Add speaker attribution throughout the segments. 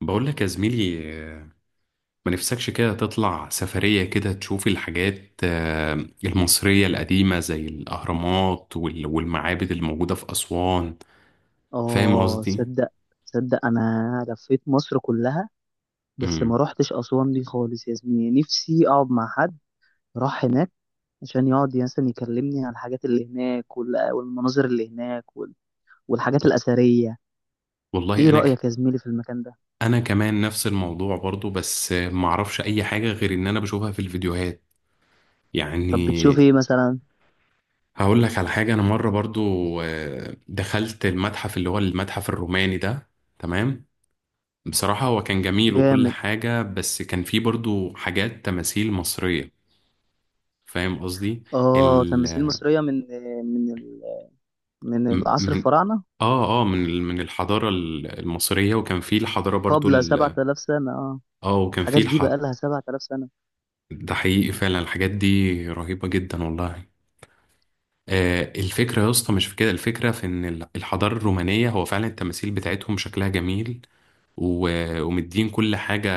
Speaker 1: بقول لك يا زميلي، ما نفسكش كده تطلع سفرية كده تشوف الحاجات المصرية القديمة زي الأهرامات والمعابد الموجودة في أسوان. فاهم
Speaker 2: اه،
Speaker 1: قصدي؟
Speaker 2: تصدق انا لفيت مصر كلها. بس ما
Speaker 1: مم.
Speaker 2: روحتش اسوان دي خالص يا زميلي، نفسي اقعد مع حد راح هناك عشان يقعد مثلا يكلمني عن الحاجات اللي هناك والمناظر اللي هناك والحاجات الاثريه.
Speaker 1: والله
Speaker 2: ايه
Speaker 1: أنا ك...
Speaker 2: رايك يا زميلي في المكان ده؟
Speaker 1: أنا كمان نفس الموضوع برضو، بس ما أعرفش أي حاجة غير إن أنا بشوفها في الفيديوهات
Speaker 2: طب
Speaker 1: يعني.
Speaker 2: بتشوف ايه مثلا؟
Speaker 1: هقول لك على حاجة. أنا مرة برضو دخلت المتحف اللي هو المتحف الروماني ده. تمام؟ بصراحة هو كان جميل وكل
Speaker 2: جامد.
Speaker 1: حاجة، بس كان فيه برضو حاجات تماثيل مصرية. فاهم قصدي.
Speaker 2: اه،
Speaker 1: ال
Speaker 2: تماثيل مصريه من ال- من
Speaker 1: م-
Speaker 2: العصر
Speaker 1: من
Speaker 2: الفراعنه،
Speaker 1: اه اه من ال- من الحضارة المصرية، وكان فيه الحضارة برضو
Speaker 2: قبل 7000 سنه، اه.
Speaker 1: اه وكان
Speaker 2: الحاجات
Speaker 1: فيه
Speaker 2: دي
Speaker 1: الح...
Speaker 2: بقى لها 7000 سنه.
Speaker 1: ده حقيقي فعلا، الحاجات دي رهيبة جدا والله. الفكرة يا اسطى مش في كده، الفكرة في ان الحضارة الرومانية هو فعلا التماثيل بتاعتهم شكلها جميل، ومدين كل حاجة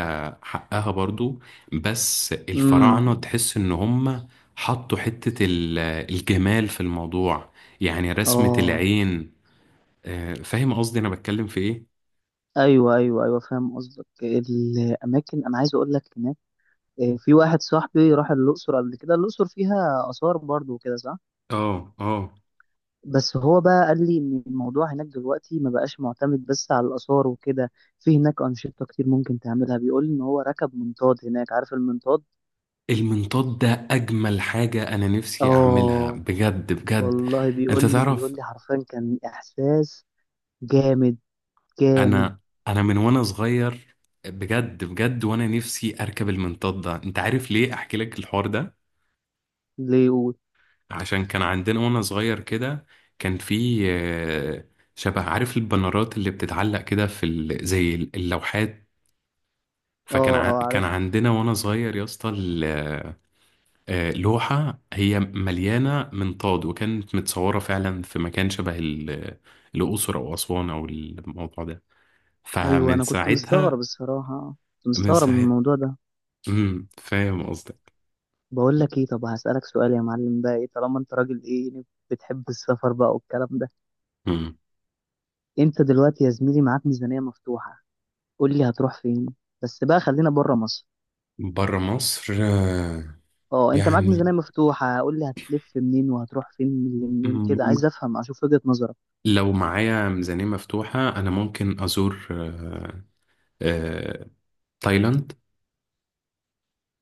Speaker 1: حقها برضو. بس
Speaker 2: امم،
Speaker 1: الفراعنة تحس ان هم حطوا حتة الجمال في الموضوع، يعني رسمة
Speaker 2: اه.
Speaker 1: العين. فاهم قصدي انا بتكلم في ايه؟
Speaker 2: ايوه، ايوه، ايوه، فاهم قصدك. الاماكن انا عايز اقول لك هناك، في واحد صاحبي راح الاقصر قبل كده. الاقصر فيها اثار برضو وكده، صح؟
Speaker 1: اه اه.
Speaker 2: بس هو بقى قال لي ان الموضوع هناك دلوقتي ما بقاش معتمد بس على الاثار وكده. في هناك انشطه كتير ممكن تعملها. بيقول لي ان هو ركب منطاد هناك. عارف المنطاد؟
Speaker 1: المنطاد ده اجمل حاجة انا نفسي اعملها
Speaker 2: اه.
Speaker 1: بجد بجد.
Speaker 2: والله بيقول
Speaker 1: انت
Speaker 2: لي
Speaker 1: تعرف،
Speaker 2: بيقول لي حرفيا كان احساس جامد، جامد.
Speaker 1: انا انا من وانا صغير بجد بجد، وانا نفسي اركب المنطاد ده. انت عارف ليه احكي لك الحوار ده؟
Speaker 2: ليه يقول؟
Speaker 1: عشان كان عندنا وانا صغير كده، كان في شبه، عارف البنرات اللي بتتعلق كده في زي اللوحات.
Speaker 2: اه، اه،
Speaker 1: كان
Speaker 2: عارف.
Speaker 1: عندنا وانا صغير يا اسطى لوحة هي مليانة منطاد، وكانت متصورة فعلا في مكان شبه الأقصر أو أسوان أو الموضوع ده.
Speaker 2: ايوه،
Speaker 1: فمن
Speaker 2: انا كنت
Speaker 1: ساعتها،
Speaker 2: مستغرب الصراحه، كنت
Speaker 1: من
Speaker 2: مستغرب من
Speaker 1: ساعتها
Speaker 2: الموضوع ده.
Speaker 1: فاهم قصدك.
Speaker 2: بقول لك ايه؟ طب هسألك سؤال يا معلم. بقى ايه، طالما انت راجل، ايه يعني، بتحب السفر بقى والكلام ده؟ انت دلوقتي يا زميلي معاك ميزانية مفتوحة، قول لي هتروح فين؟ بس بقى خلينا بره مصر.
Speaker 1: بره مصر،
Speaker 2: اه، انت معاك ميزانية
Speaker 1: يعني
Speaker 2: مفتوحة، قول لي هتلف منين وهتروح فين منين كده، عايز افهم اشوف وجهة نظرك.
Speaker 1: لو معايا ميزانية مفتوحة أنا ممكن أزور آه، تايلاند.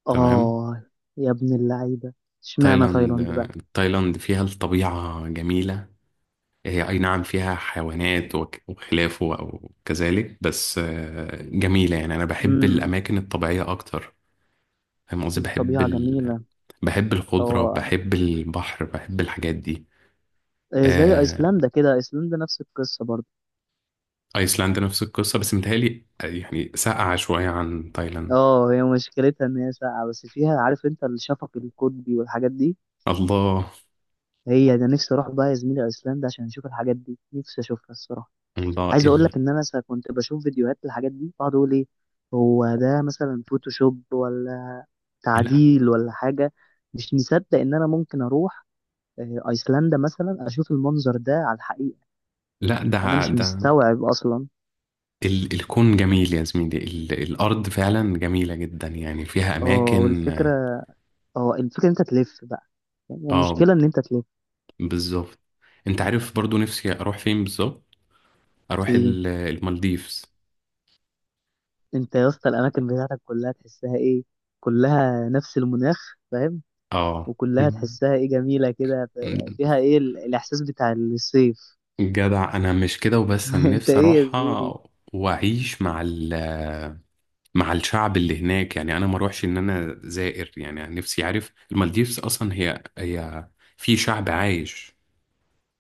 Speaker 1: تمام.
Speaker 2: اه، يا ابن اللعيبة! اشمعنى
Speaker 1: تايلاند
Speaker 2: تايلاند
Speaker 1: آه،
Speaker 2: بقى؟
Speaker 1: تايلاند فيها الطبيعة جميلة. هي أي نعم فيها حيوانات وخلافه أو كذلك، بس جميلة يعني. أنا بحب
Speaker 2: امم،
Speaker 1: الأماكن الطبيعية أكتر. فاهم قصدي.
Speaker 2: الطبيعة جميلة.
Speaker 1: بحب الخضرة،
Speaker 2: اه،
Speaker 1: بحب البحر، بحب الحاجات دي.
Speaker 2: إيه زي
Speaker 1: آه،
Speaker 2: ايسلندا كده؟ ايسلندا نفس القصة برضه؟
Speaker 1: أيسلندا نفس القصة، بس متهيألي يعني ساقعة شوية عن تايلاند.
Speaker 2: اه، هي مشكلتها ان هي ساقعة، بس فيها، عارف انت، الشفق القطبي والحاجات دي.
Speaker 1: الله.
Speaker 2: هي ده نفسي اروح بقى يا زميلي ايسلندا، عشان اشوف الحاجات دي، نفسي اشوفها الصراحة.
Speaker 1: الله.
Speaker 2: عايز اقول لك ان انا كنت بشوف فيديوهات للحاجات دي، بقعد اقول ايه، هو ده مثلا فوتوشوب ولا
Speaker 1: لا
Speaker 2: تعديل ولا حاجة؟ مش مصدق ان انا ممكن اروح ايسلندا مثلا، اشوف المنظر ده على الحقيقة.
Speaker 1: لا،
Speaker 2: انا مش مستوعب اصلا.
Speaker 1: الكون جميل يا زميلي، الأرض فعلا جميلة جدا يعني، فيها
Speaker 2: اه
Speaker 1: أماكن.
Speaker 2: والفكرة اه الفكرة ان انت تلف بقى. يعني
Speaker 1: اه
Speaker 2: المشكلة ان انت تلف.
Speaker 1: بالظبط. انت عارف برضو نفسي أروح فين بالظبط؟ أروح
Speaker 2: فين؟
Speaker 1: المالديفز.
Speaker 2: انت يا اسطى الاماكن بتاعتك كلها تحسها ايه، كلها نفس المناخ، فاهم؟
Speaker 1: اه.
Speaker 2: وكلها تحسها ايه، جميله كده، يعني فيها ايه الاحساس بتاع الصيف.
Speaker 1: جدع، أنا مش كده وبس، أنا
Speaker 2: انت
Speaker 1: نفسي
Speaker 2: ايه يا
Speaker 1: أروحها.
Speaker 2: زميلي؟
Speaker 1: وأعيش مع مع الشعب اللي هناك. يعني أنا ما أروحش إن أنا زائر. يعني أنا نفسي، عارف، المالديفز أصلا هي في شعب عايش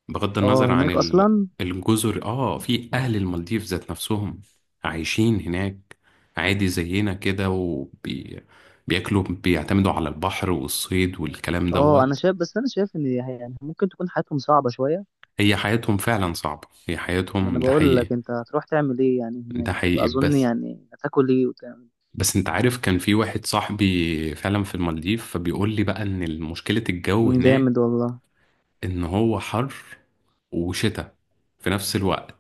Speaker 1: بغض
Speaker 2: اه،
Speaker 1: النظر عن
Speaker 2: هناك اصلا.
Speaker 1: الجزر. اه، في اهل المالديف ذات نفسهم عايشين هناك عادي زينا كده، وبياكلوا بيعتمدوا على البحر والصيد والكلام
Speaker 2: اه، انا
Speaker 1: دوت.
Speaker 2: شايف، بس انا شايف ان يعني ممكن تكون حياتهم صعبه شويه.
Speaker 1: هي حياتهم فعلا صعبة، هي
Speaker 2: ما
Speaker 1: حياتهم،
Speaker 2: انا
Speaker 1: ده
Speaker 2: بقول لك
Speaker 1: حقيقي.
Speaker 2: انت هتروح تعمل ايه يعني
Speaker 1: ده
Speaker 2: هناك؟ هتبقى
Speaker 1: حقيقي،
Speaker 2: اظن
Speaker 1: بس
Speaker 2: يعني هتاكل ايه وتعمل
Speaker 1: انت عارف كان في واحد صاحبي فعلا في المالديف، فبيقول لي بقى ان مشكلة الجو
Speaker 2: إيه؟
Speaker 1: هناك
Speaker 2: جامد والله.
Speaker 1: ان هو حر وشتاء في نفس الوقت.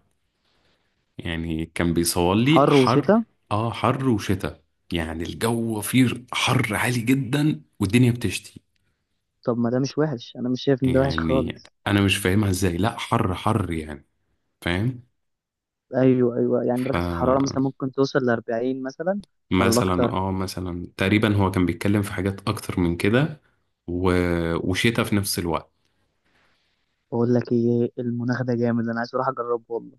Speaker 1: يعني كان بيصور لي
Speaker 2: حر
Speaker 1: حر.
Speaker 2: وشتاء؟
Speaker 1: اه، حر وشتاء، يعني الجو فيه حر عالي جدا والدنيا بتشتي.
Speaker 2: طب ما ده مش وحش؟ انا مش شايف ان ده وحش
Speaker 1: يعني
Speaker 2: خالص.
Speaker 1: انا مش فاهمها ازاي، لا حر حر يعني، فاهم.
Speaker 2: ايوه، ايوه، يعني درجه الحراره
Speaker 1: فمثلا،
Speaker 2: مثلا ممكن توصل ل 40 مثلا، ولا اكتر.
Speaker 1: اه مثلا تقريبا هو كان بيتكلم في حاجات اكتر من كده، و... وشتاء في نفس الوقت.
Speaker 2: بقول لك ايه؟ المناخ ده جامد، انا عايز اروح اجربه والله.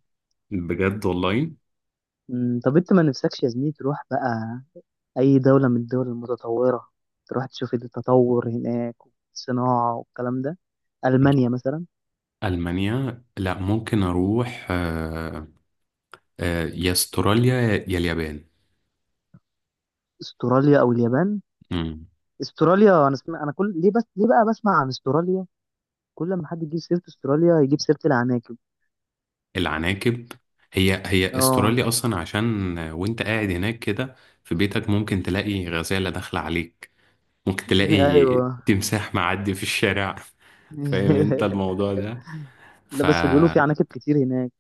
Speaker 1: بجد والله.
Speaker 2: امم، طب انت ما نفسكش يا زميلي تروح بقى اي دولة من الدول المتطورة، تروح تشوف التطور هناك والصناعة والكلام ده؟ المانيا مثلا؟
Speaker 1: ألمانيا؟ لا، ممكن أروح يا استراليا يا اليابان.
Speaker 2: استراليا او اليابان؟
Speaker 1: مم.
Speaker 2: استراليا، انا كل ليه، بس ليه بقى بسمع عن استراليا؟ كل ما حد يجيب سيرة استراليا يجيب سيرة العناكب.
Speaker 1: العناكب. هي
Speaker 2: اه.
Speaker 1: استراليا اصلا، عشان وانت قاعد هناك كده في بيتك ممكن تلاقي غزالة داخلة عليك. ممكن تلاقي
Speaker 2: ايوه.
Speaker 1: تمساح معدي في الشارع. فاهم انت الموضوع ده.
Speaker 2: لا، بس بيقولوا في
Speaker 1: فهي
Speaker 2: عناكب كتير هناك.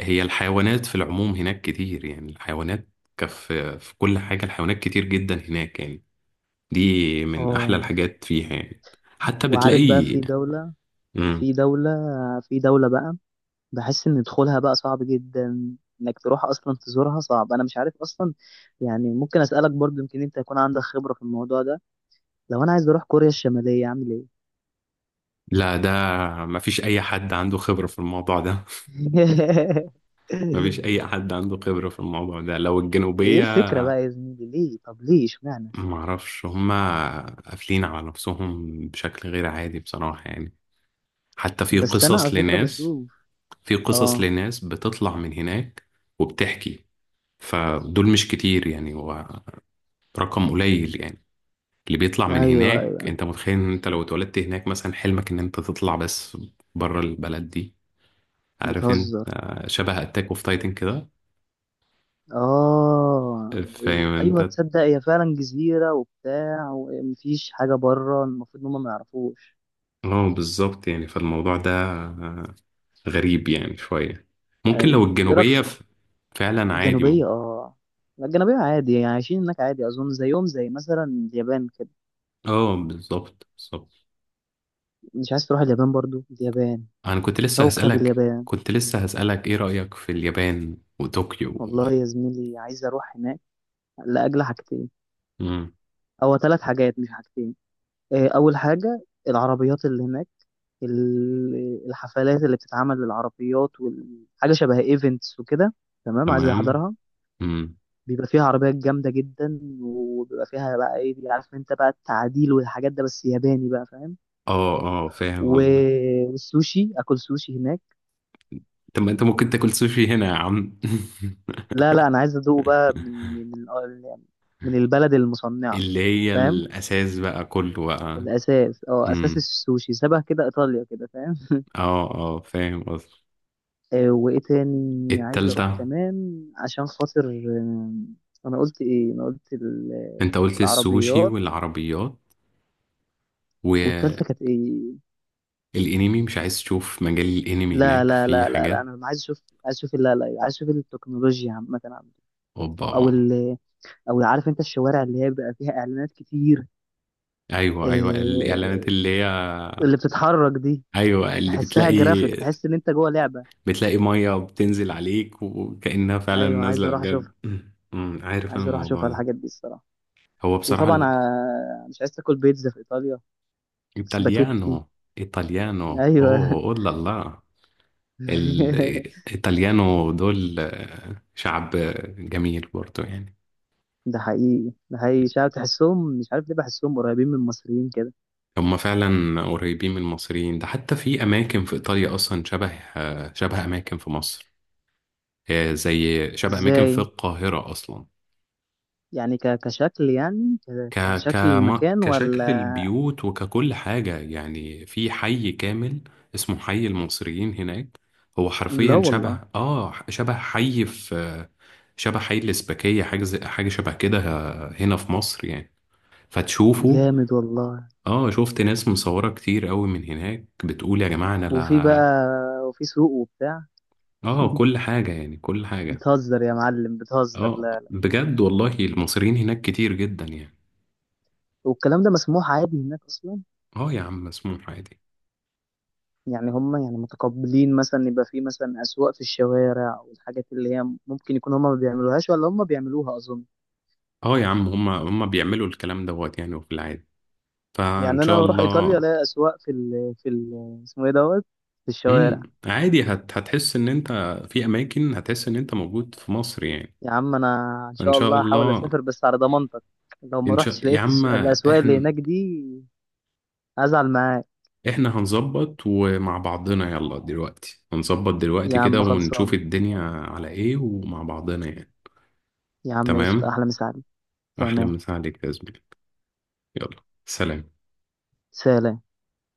Speaker 1: الحيوانات في العموم هناك كتير، يعني الحيوانات، كف، في كل حاجة. الحيوانات كتير جدا هناك يعني. دي من احلى
Speaker 2: اه.
Speaker 1: الحاجات فيها يعني. حتى
Speaker 2: وعارف بقى،
Speaker 1: بتلاقي. مم.
Speaker 2: في دولة في دولة بقى بحس ان دخولها بقى صعب جدا، انك تروح اصلا تزورها صعب، انا مش عارف اصلا. يعني ممكن اسالك برضو، يمكن انت يكون عندك خبرة في الموضوع ده. لو انا عايز اروح كوريا الشمالية اعمل ايه؟
Speaker 1: لا، ده مفيش اي حد عنده خبرة في الموضوع ده. مفيش اي حد عنده خبرة في الموضوع ده لو
Speaker 2: ايه
Speaker 1: الجنوبية.
Speaker 2: الفكرة بقى يا زميلي؟ ليه؟ طب ليه؟ اشمعنى؟
Speaker 1: معرفش، هما قافلين على نفسهم بشكل غير عادي بصراحة يعني. حتى في
Speaker 2: بس انا على
Speaker 1: قصص
Speaker 2: فكرة
Speaker 1: لناس،
Speaker 2: بشوف.
Speaker 1: في قصص
Speaker 2: اه.
Speaker 1: لناس بتطلع من هناك وبتحكي. فدول مش كتير يعني، هو رقم قليل يعني، اللي بيطلع من
Speaker 2: ايوه،
Speaker 1: هناك.
Speaker 2: ايوه.
Speaker 1: انت متخيل ان انت لو اتولدت هناك مثلا حلمك ان انت تطلع بس بره البلد دي. عارف انت،
Speaker 2: بتهزر.
Speaker 1: شبه اتاك اوف تايتن كده،
Speaker 2: اه.
Speaker 1: فاهم
Speaker 2: ايوه
Speaker 1: انت.
Speaker 2: تصدق، هي فعلا جزيرة وبتاع، ومفيش حاجة بره، المفروض ان هم ما يعرفوش.
Speaker 1: اه بالظبط، يعني فالموضوع ده غريب يعني شوية. ممكن لو
Speaker 2: ايوه، ايه رايك؟
Speaker 1: الجنوبية فعلا عادي،
Speaker 2: الجنوبية،
Speaker 1: ممكن.
Speaker 2: اه. لا، الجنوبية عادي، يعني عايشين هناك عادي، أظن زيهم زي مثلا اليابان كده.
Speaker 1: اه بالظبط بالظبط.
Speaker 2: مش عايز تروح اليابان برضو؟ اليابان،
Speaker 1: انا كنت لسه
Speaker 2: كوكب
Speaker 1: هسألك
Speaker 2: اليابان!
Speaker 1: كنت لسه هسألك ايه رأيك في اليابان وطوكيو
Speaker 2: والله يا زميلي عايز أروح هناك لأجل حاجتين،
Speaker 1: مم.
Speaker 2: أو ثلاث حاجات، مش حاجتين. أول حاجة، العربيات اللي هناك، الحفلات اللي بتتعمل للعربيات، وحاجة شبه ايفنتس وكده، تمام؟ عايز
Speaker 1: تمام.
Speaker 2: أحضرها.
Speaker 1: مم.
Speaker 2: بيبقى فيها عربيات جامدة جدا، وبيبقى فيها بقى ايه، عارف انت بقى، التعديل والحاجات ده، بس ياباني بقى، فاهم؟
Speaker 1: اه اه، فاهم قصدك.
Speaker 2: والسوشي، اكل سوشي هناك.
Speaker 1: طب ما انت ممكن تاكل سوشي هنا يا عم.
Speaker 2: لا، لا، انا عايز ادوق بقى من من من البلد المصنعه،
Speaker 1: اللي هي
Speaker 2: فاهم.
Speaker 1: الأساس بقى، كله بقى.
Speaker 2: الاساس اه اساس
Speaker 1: امم
Speaker 2: السوشي شبه كده ايطاليا كده، فاهم؟
Speaker 1: اه اه، فاهم قصدك.
Speaker 2: وايه تاني عايز اروح
Speaker 1: التالتة.
Speaker 2: كمان عشان خاطر انا قلت ايه؟ انا قلت
Speaker 1: انت قلت السوشي
Speaker 2: العربيات،
Speaker 1: والعربيات.
Speaker 2: والتالتة كانت ايه؟
Speaker 1: الانمي. مش عايز تشوف مجال الانمي
Speaker 2: لا،
Speaker 1: هناك
Speaker 2: لا،
Speaker 1: في
Speaker 2: لا، لا، لا،
Speaker 1: حاجات؟
Speaker 2: انا عايز اشوف عايز اشوف لا لا، عايز اشوف التكنولوجيا عامة عندكم. او
Speaker 1: اوبا.
Speaker 2: ال او عارف انت الشوارع اللي هي بيبقى فيها اعلانات كتير،
Speaker 1: ايوه ايوه، الاعلانات
Speaker 2: آه،
Speaker 1: اللي هي،
Speaker 2: اللي بتتحرك دي.
Speaker 1: ايوه اللي
Speaker 2: تحسها
Speaker 1: بتلاقي،
Speaker 2: جرافيك، تحس ان انت جوه لعبه.
Speaker 1: بتلاقي ميه بتنزل عليك وكأنها فعلا
Speaker 2: ايوه، عايز
Speaker 1: نازله
Speaker 2: اروح
Speaker 1: بجد.
Speaker 2: اشوفها.
Speaker 1: عارف انا
Speaker 2: عايز اروح
Speaker 1: الموضوع
Speaker 2: اشوفها
Speaker 1: ده.
Speaker 2: الحاجات دي الصراحه.
Speaker 1: هو بصراحه
Speaker 2: وطبعا مش عايز تاكل بيتزا في ايطاليا؟ سباكيتي!
Speaker 1: ايطاليانو. ايطاليانو.
Speaker 2: ايوه.
Speaker 1: اوه، اولا لا لا، الايطاليانو دول شعب جميل برضه يعني.
Speaker 2: ده حقيقي، ده حقيقي، شعب تحسهم، مش عارف ليه بحسهم قريبين من المصريين كده.
Speaker 1: هما فعلا قريبين من المصريين، ده حتى في أماكن في إيطاليا أصلا شبه شبه أماكن في مصر. زي شبه أماكن في
Speaker 2: ازاي؟
Speaker 1: القاهرة أصلا.
Speaker 2: يعني كشكل، يعني
Speaker 1: ك
Speaker 2: كشكل المكان
Speaker 1: كشكل
Speaker 2: ولا؟
Speaker 1: البيوت وككل حاجة يعني. في حي كامل اسمه حي المصريين هناك. هو
Speaker 2: لا
Speaker 1: حرفيا
Speaker 2: والله.
Speaker 1: شبه آه شبه حي في شبه حي الإسباكية، حاجة شبه كده، هنا في مصر يعني، فتشوفه.
Speaker 2: جامد والله.
Speaker 1: اه شفت ناس مصورة كتير قوي من هناك بتقول يا جماعة، انا
Speaker 2: وفي
Speaker 1: لا،
Speaker 2: بقى وفي سوق وبتاع؟
Speaker 1: اه كل حاجة يعني كل حاجة.
Speaker 2: بتهزر يا معلم، بتهزر.
Speaker 1: اه
Speaker 2: لا.
Speaker 1: بجد والله، المصريين هناك كتير جدا يعني.
Speaker 2: والكلام ده مسموح عادي هناك اصلا؟
Speaker 1: اه يا عم، مسموح عادي.
Speaker 2: يعني هم، يعني متقبلين، مثلا يبقى في مثلا أسواق في الشوارع والحاجات اللي هي ممكن يكون هم ما بيعملوهاش ولا هم بيعملوها أظن؟
Speaker 1: اه يا عم، هما بيعملوا الكلام دوت يعني، وفي العادي. فان
Speaker 2: يعني
Speaker 1: شاء
Speaker 2: أنا أروح إيطاليا
Speaker 1: الله.
Speaker 2: ألاقي أسواق في ال اسمه إيه دوت في الشوارع؟
Speaker 1: عادي، هتحس ان انت في اماكن هتحس ان انت موجود في مصر يعني.
Speaker 2: يا عم أنا إن
Speaker 1: فان
Speaker 2: شاء
Speaker 1: شاء
Speaker 2: الله هحاول
Speaker 1: الله.
Speaker 2: أسافر بس على ضمانتك. لو ما
Speaker 1: ان
Speaker 2: رحتش
Speaker 1: شاء، يا
Speaker 2: لقيت
Speaker 1: عم
Speaker 2: الأسواق اللي
Speaker 1: احنا،
Speaker 2: هناك دي، هزعل معاك.
Speaker 1: احنا هنظبط ومع بعضنا. يلا دلوقتي هنظبط دلوقتي
Speaker 2: يا
Speaker 1: كده،
Speaker 2: عم،
Speaker 1: ونشوف
Speaker 2: خلصان.
Speaker 1: الدنيا على ايه ومع بعضنا يعني.
Speaker 2: يا عم، قشطة.
Speaker 1: تمام.
Speaker 2: أحلى مساعدة.
Speaker 1: احلى
Speaker 2: تمام.
Speaker 1: مسا عليك يا زميلي. يلا، سلام.
Speaker 2: سلام.